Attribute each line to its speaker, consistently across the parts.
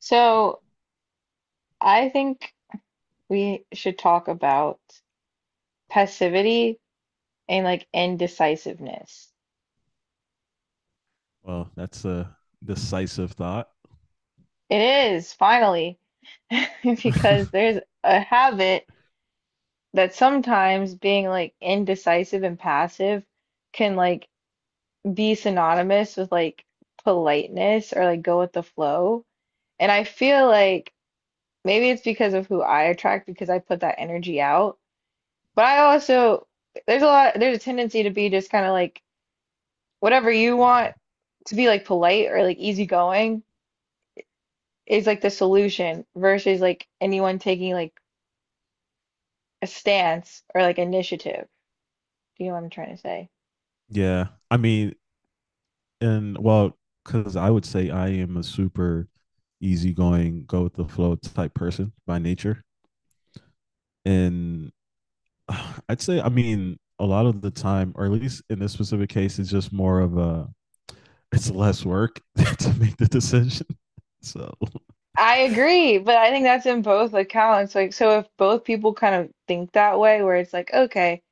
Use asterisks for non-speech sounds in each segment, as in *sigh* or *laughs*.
Speaker 1: So I think we should talk about passivity and like indecisiveness.
Speaker 2: Well, that's a decisive thought.
Speaker 1: It is finally *laughs* because
Speaker 2: *laughs*
Speaker 1: there's a habit that sometimes being like indecisive and passive can like be synonymous with like politeness or like go with the flow. And I feel like maybe it's because of who I attract because I put that energy out. But I also there's a tendency to be just kind of like whatever you want to be like polite or like easygoing is like the solution versus like anyone taking like a stance or like initiative. Do you know what I'm trying to say?
Speaker 2: Yeah, I mean, and well, because I would say I am a super easygoing, go with the flow type person by nature. And *sighs* I'd say, I mean, a lot of the time, or at least in this specific case, it's just more of a, it's less work *laughs* to make the decision. *laughs* So,
Speaker 1: I agree, but I think that's in both accounts. Like, so if both people kind of think that way, where it's like, okay,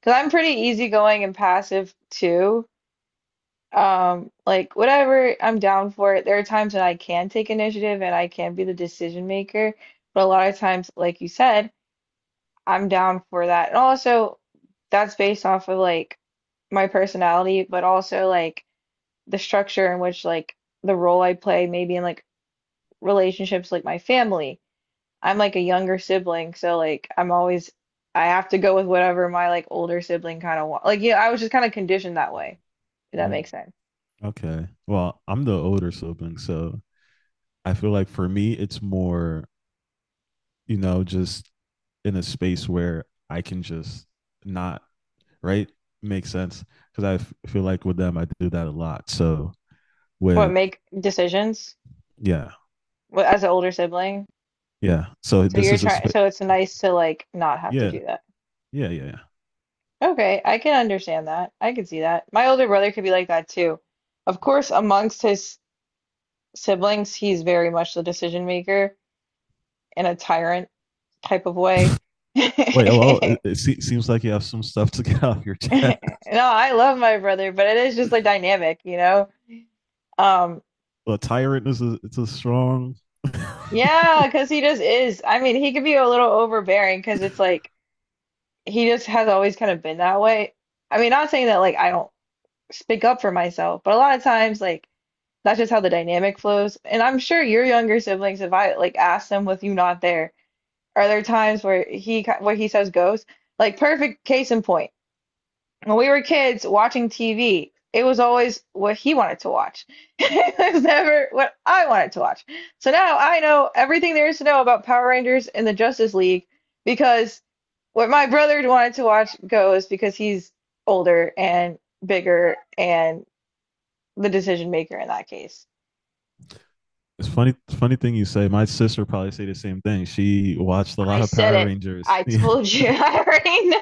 Speaker 1: because I'm pretty easygoing and passive too. Like whatever, I'm down for it. There are times that I can take initiative and I can be the decision maker, but a lot of times, like you said, I'm down for that. And also, that's based off of like my personality, but also like the structure in which like the role I play, maybe in like relationships, like my family. I'm like a younger sibling, so like I have to go with whatever my like older sibling kind of want. Like yeah, I was just kind of conditioned that way, if that
Speaker 2: Mm.
Speaker 1: makes sense.
Speaker 2: Okay, well, I'm the older sibling, so I feel like for me, it's more, you know, just in a space where I can just not, right? Makes sense. Cause I feel like with them, I do that a lot. So
Speaker 1: What
Speaker 2: with,
Speaker 1: make decisions
Speaker 2: yeah,
Speaker 1: as an older sibling.
Speaker 2: yeah. So
Speaker 1: So
Speaker 2: this
Speaker 1: you're
Speaker 2: is a
Speaker 1: trying,
Speaker 2: space.
Speaker 1: so it's nice to like not have to
Speaker 2: Yeah,
Speaker 1: do that.
Speaker 2: yeah, yeah, yeah.
Speaker 1: Okay, I can understand that. I can see that. My older brother could be like that too. Of course, amongst his siblings, he's very much the decision maker in a tyrant type of way. *laughs*
Speaker 2: It seems like you have some stuff to *laughs* get off your chest.
Speaker 1: No,
Speaker 2: *laughs*
Speaker 1: I love my brother, but it is just like dynamic, you know? Um,
Speaker 2: Well, tyrant is it's a strong. *laughs* It's
Speaker 1: yeah, because he just is. I mean, he could be a little overbearing because it's like he just has always kind of been that way. I mean, not saying that like I don't speak up for myself, but a lot of times, like, that's just how the dynamic flows. And I'm sure your younger siblings, if I like ask them with you not there, are there times where he says goes? Like perfect case in point. When we were kids watching TV, it was always what he wanted to watch. *laughs* It was never what I wanted to watch. So now I know everything there is to know about Power Rangers and the Justice League because what my brother wanted to watch goes because he's older and bigger and the decision maker in that case.
Speaker 2: funny thing you say. My sister probably say the same thing. She watched a
Speaker 1: I
Speaker 2: lot of
Speaker 1: said
Speaker 2: Power
Speaker 1: it.
Speaker 2: Rangers.
Speaker 1: I
Speaker 2: *laughs* Yeah.
Speaker 1: told you. *laughs* I already know.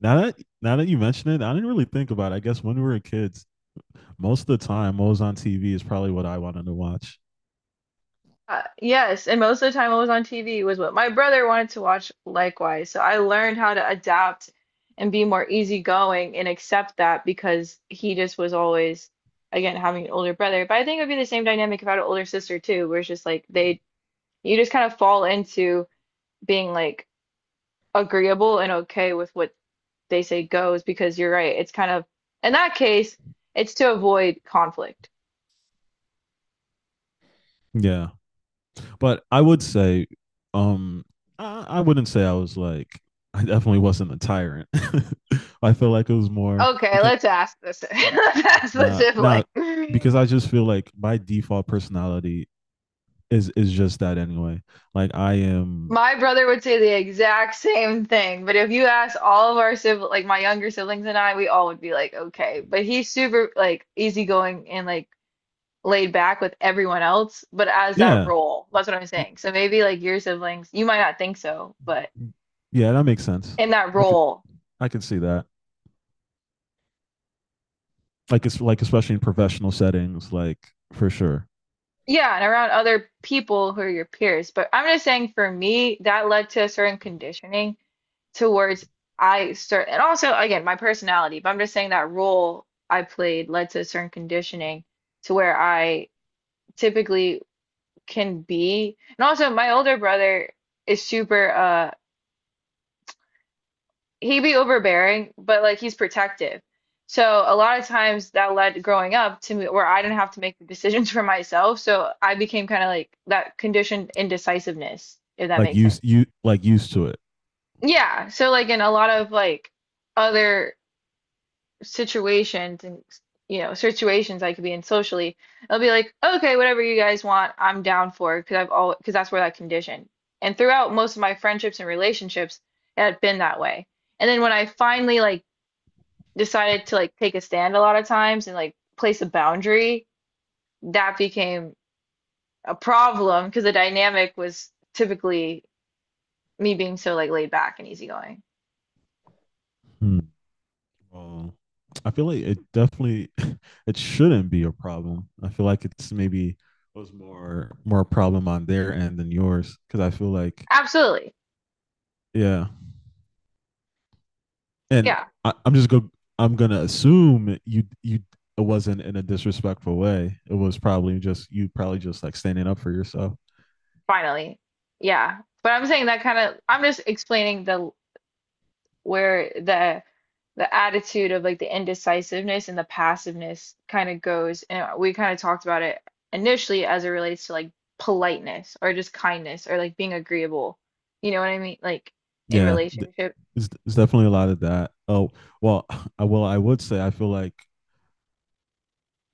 Speaker 2: Now that now that you mention it, I didn't really think about it. I guess when we were kids, most of the time what was on TV is probably what I wanted to watch.
Speaker 1: Yes, and most of the time what was on TV was what my brother wanted to watch likewise. So I learned how to adapt and be more easygoing and accept that because he just was always, again, having an older brother. But I think it would be the same dynamic if I had an older sister too, where it's just like they, you just kind of fall into being like agreeable and okay with what they say goes because you're right. It's kind of, in that case, it's to avoid conflict.
Speaker 2: Yeah. But I would say, um, I wouldn't say I was like I definitely wasn't a tyrant. *laughs* I feel like it was more
Speaker 1: Okay,
Speaker 2: because
Speaker 1: let's ask this. *laughs* Let's
Speaker 2: not
Speaker 1: ask the
Speaker 2: nah, not nah,
Speaker 1: sibling.
Speaker 2: because I just feel like my default personality is just that anyway. Like I am,
Speaker 1: My brother would say the exact same thing, but if you ask all of our siblings, like my younger siblings and I, we all would be like, okay. But he's super like easygoing and like laid back with everyone else, but as that
Speaker 2: yeah,
Speaker 1: role, that's what I'm saying. So maybe like your siblings, you might not think so, but
Speaker 2: yeah, that makes sense.
Speaker 1: in that
Speaker 2: I could
Speaker 1: role,
Speaker 2: I could see that. Like it's like especially in professional settings, like for sure.
Speaker 1: yeah, and around other people who are your peers. But I'm just saying for me, that led to a certain conditioning towards I start and also again my personality, but I'm just saying that role I played led to a certain conditioning to where I typically can be. And also my older brother is super he would be overbearing, but like he's protective. So a lot of times that led growing up to me where I didn't have to make the decisions *laughs* for myself. So I became kind of like that conditioned indecisiveness, if that
Speaker 2: Like
Speaker 1: makes sense.
Speaker 2: used you like used to it.
Speaker 1: Yeah. So like in a lot of like other situations and situations I could be in socially, I'll be like, okay, whatever you guys want, I'm down for because I've all because that's where that condition. And throughout most of my friendships and relationships, it had been that way. And then when I finally like decided to like take a stand a lot of times and like place a boundary, that became a problem because the dynamic was typically me being so like laid back and easygoing.
Speaker 2: Hmm. Um, I feel like it definitely *laughs* it shouldn't be a problem. I feel like it's maybe was more a problem on their end than yours because I feel like
Speaker 1: Absolutely.
Speaker 2: yeah, and
Speaker 1: Yeah,
Speaker 2: I'm just going. I'm gonna assume you it wasn't in a disrespectful way. It was probably just you probably just like standing up for yourself.
Speaker 1: finally. Yeah. But I'm saying that kind of, I'm just explaining the where the attitude of like the indecisiveness and the passiveness kind of goes and we kind of talked about it initially as it relates to like politeness or just kindness or like being agreeable you know what I mean like in
Speaker 2: Yeah,
Speaker 1: relationship.
Speaker 2: it's definitely a lot of that. Oh, well, *sighs* I well I would say I feel like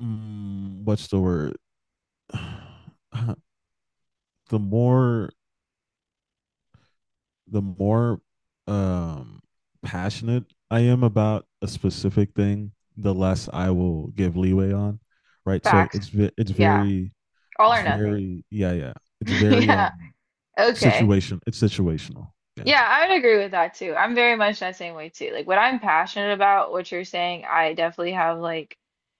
Speaker 2: what's the word? *sighs* I the more the more um passionate I am about a specific thing, the less I will give leeway on, right? So
Speaker 1: Facts.
Speaker 2: it's
Speaker 1: Yeah,
Speaker 2: very
Speaker 1: all
Speaker 2: it's
Speaker 1: or nothing.
Speaker 2: very yeah yeah
Speaker 1: *laughs*
Speaker 2: it's very
Speaker 1: Yeah. Okay.
Speaker 2: situation it's situational, yeah,
Speaker 1: Yeah, I would agree with that too. I'm very much that same way too. Like what I'm passionate about, what you're saying, I definitely have like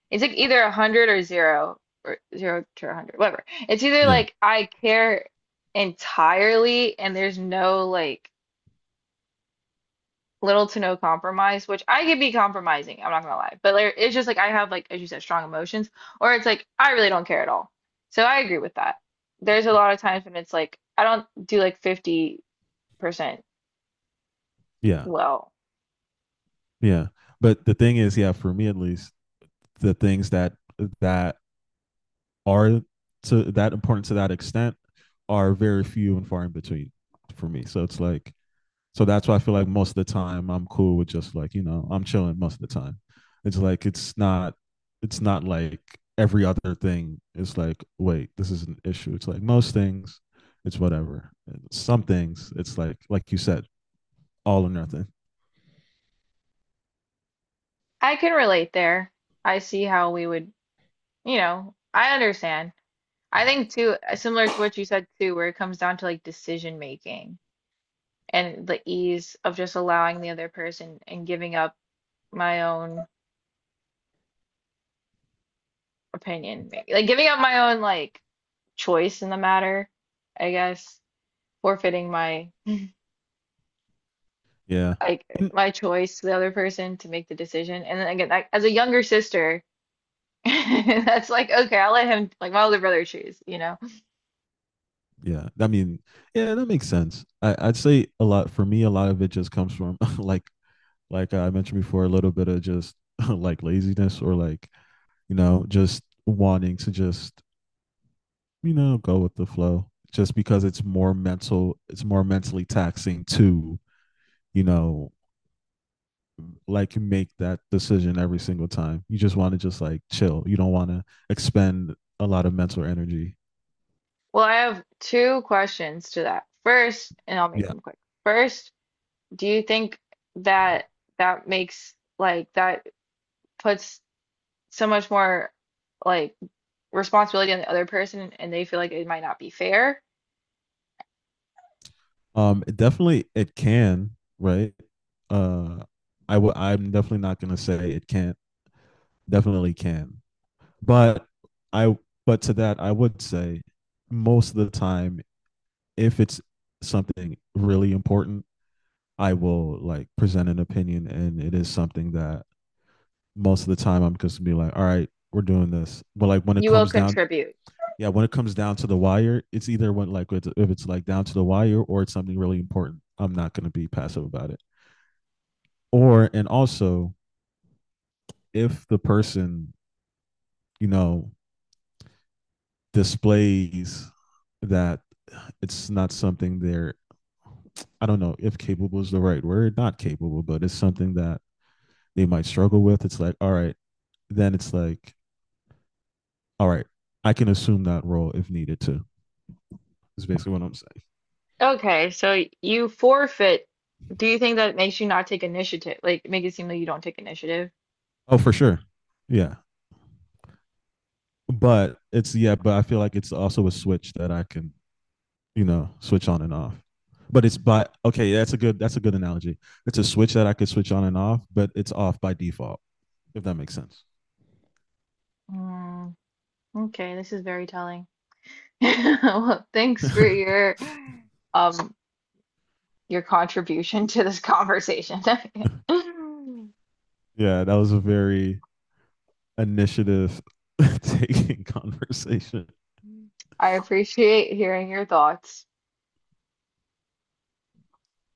Speaker 1: it's like either a hundred or zero to a hundred, whatever. It's either
Speaker 2: yeah,
Speaker 1: like I care entirely and there's no like little to no compromise, which I could be compromising, I'm not gonna lie. But like, it's just like I have like, as you said, strong emotions, or it's like I really don't care at all. So I agree with that. There's a lot of times when it's like I don't do like 50%
Speaker 2: yeah,
Speaker 1: well.
Speaker 2: yeah, but the thing is yeah for me at least the things that are to that important to that extent are very few and far in between for me, so it's like so that's why I feel like most of the time I'm cool with just like, you know, I'm chilling most of the time. It's like it's not like every other thing is like, wait, this is an issue. It's like most things, it's whatever. Some things, it's like you said, all or nothing.
Speaker 1: I can relate there. I see how we would. I understand. I think too, similar to what you said too, where it comes down to like decision making and the ease of just allowing the other person and giving up my own opinion, maybe. Like giving up my own like choice in the matter, I guess, forfeiting
Speaker 2: Yeah.
Speaker 1: like my choice to the other person to make the decision. And then again, I, as a younger sister, *laughs* that's like, okay, I'll let him like my older brother choose, you know?
Speaker 2: Yeah. I mean, yeah, that makes sense. I'd say a lot for me, a lot of it just comes from *laughs* like I mentioned before, a little bit of just *laughs* like laziness or like, you know, just wanting to just you know, go with the flow just because it's more mental, it's more mentally taxing to, you know, like make that decision every single time. You just want to just like chill. You don't want to expend a lot of mental energy.
Speaker 1: Well, I have two questions to that. First, and I'll make
Speaker 2: Yeah.
Speaker 1: them quick. First, do you think that that makes like that puts so much more like responsibility on the other person and they feel like it might not be fair?
Speaker 2: It definitely it can, right? Uh I'm definitely not going to say it can't. Definitely can. But I but to that I would say most of the time if it's something really important, I will like present an opinion and it is something that most of the time I'm just gonna be like, all right, we're doing this. But like when it
Speaker 1: You will
Speaker 2: comes down,
Speaker 1: contribute.
Speaker 2: yeah, when it comes down to the wire, it's either when if it's like down to the wire or it's something really important. I'm not gonna be passive about it. Or and also if the person, you know, displays that it's not something they're I don't know if capable is the right word, not capable, but it's something that they might struggle with. It's like, all right, then it's like all right, I can assume that role if needed to. Is basically what I'm saying.
Speaker 1: Okay, so you forfeit. Do you think that it makes you not take initiative? Like make it seem like you don't take initiative?
Speaker 2: Oh, for sure. Yeah. But it's yeah, but I feel like it's also a switch that I can, you know, switch on and off. But it's by okay, that's a good analogy. It's a switch that I could switch on and off, but it's off by default, if that makes sense.
Speaker 1: Mm, okay, this is very telling. *laughs* Well, thanks
Speaker 2: *laughs*
Speaker 1: for um your contribution to this conversation. *laughs*
Speaker 2: Yeah, that was a very initiative *laughs* taking conversation.
Speaker 1: I appreciate hearing your thoughts.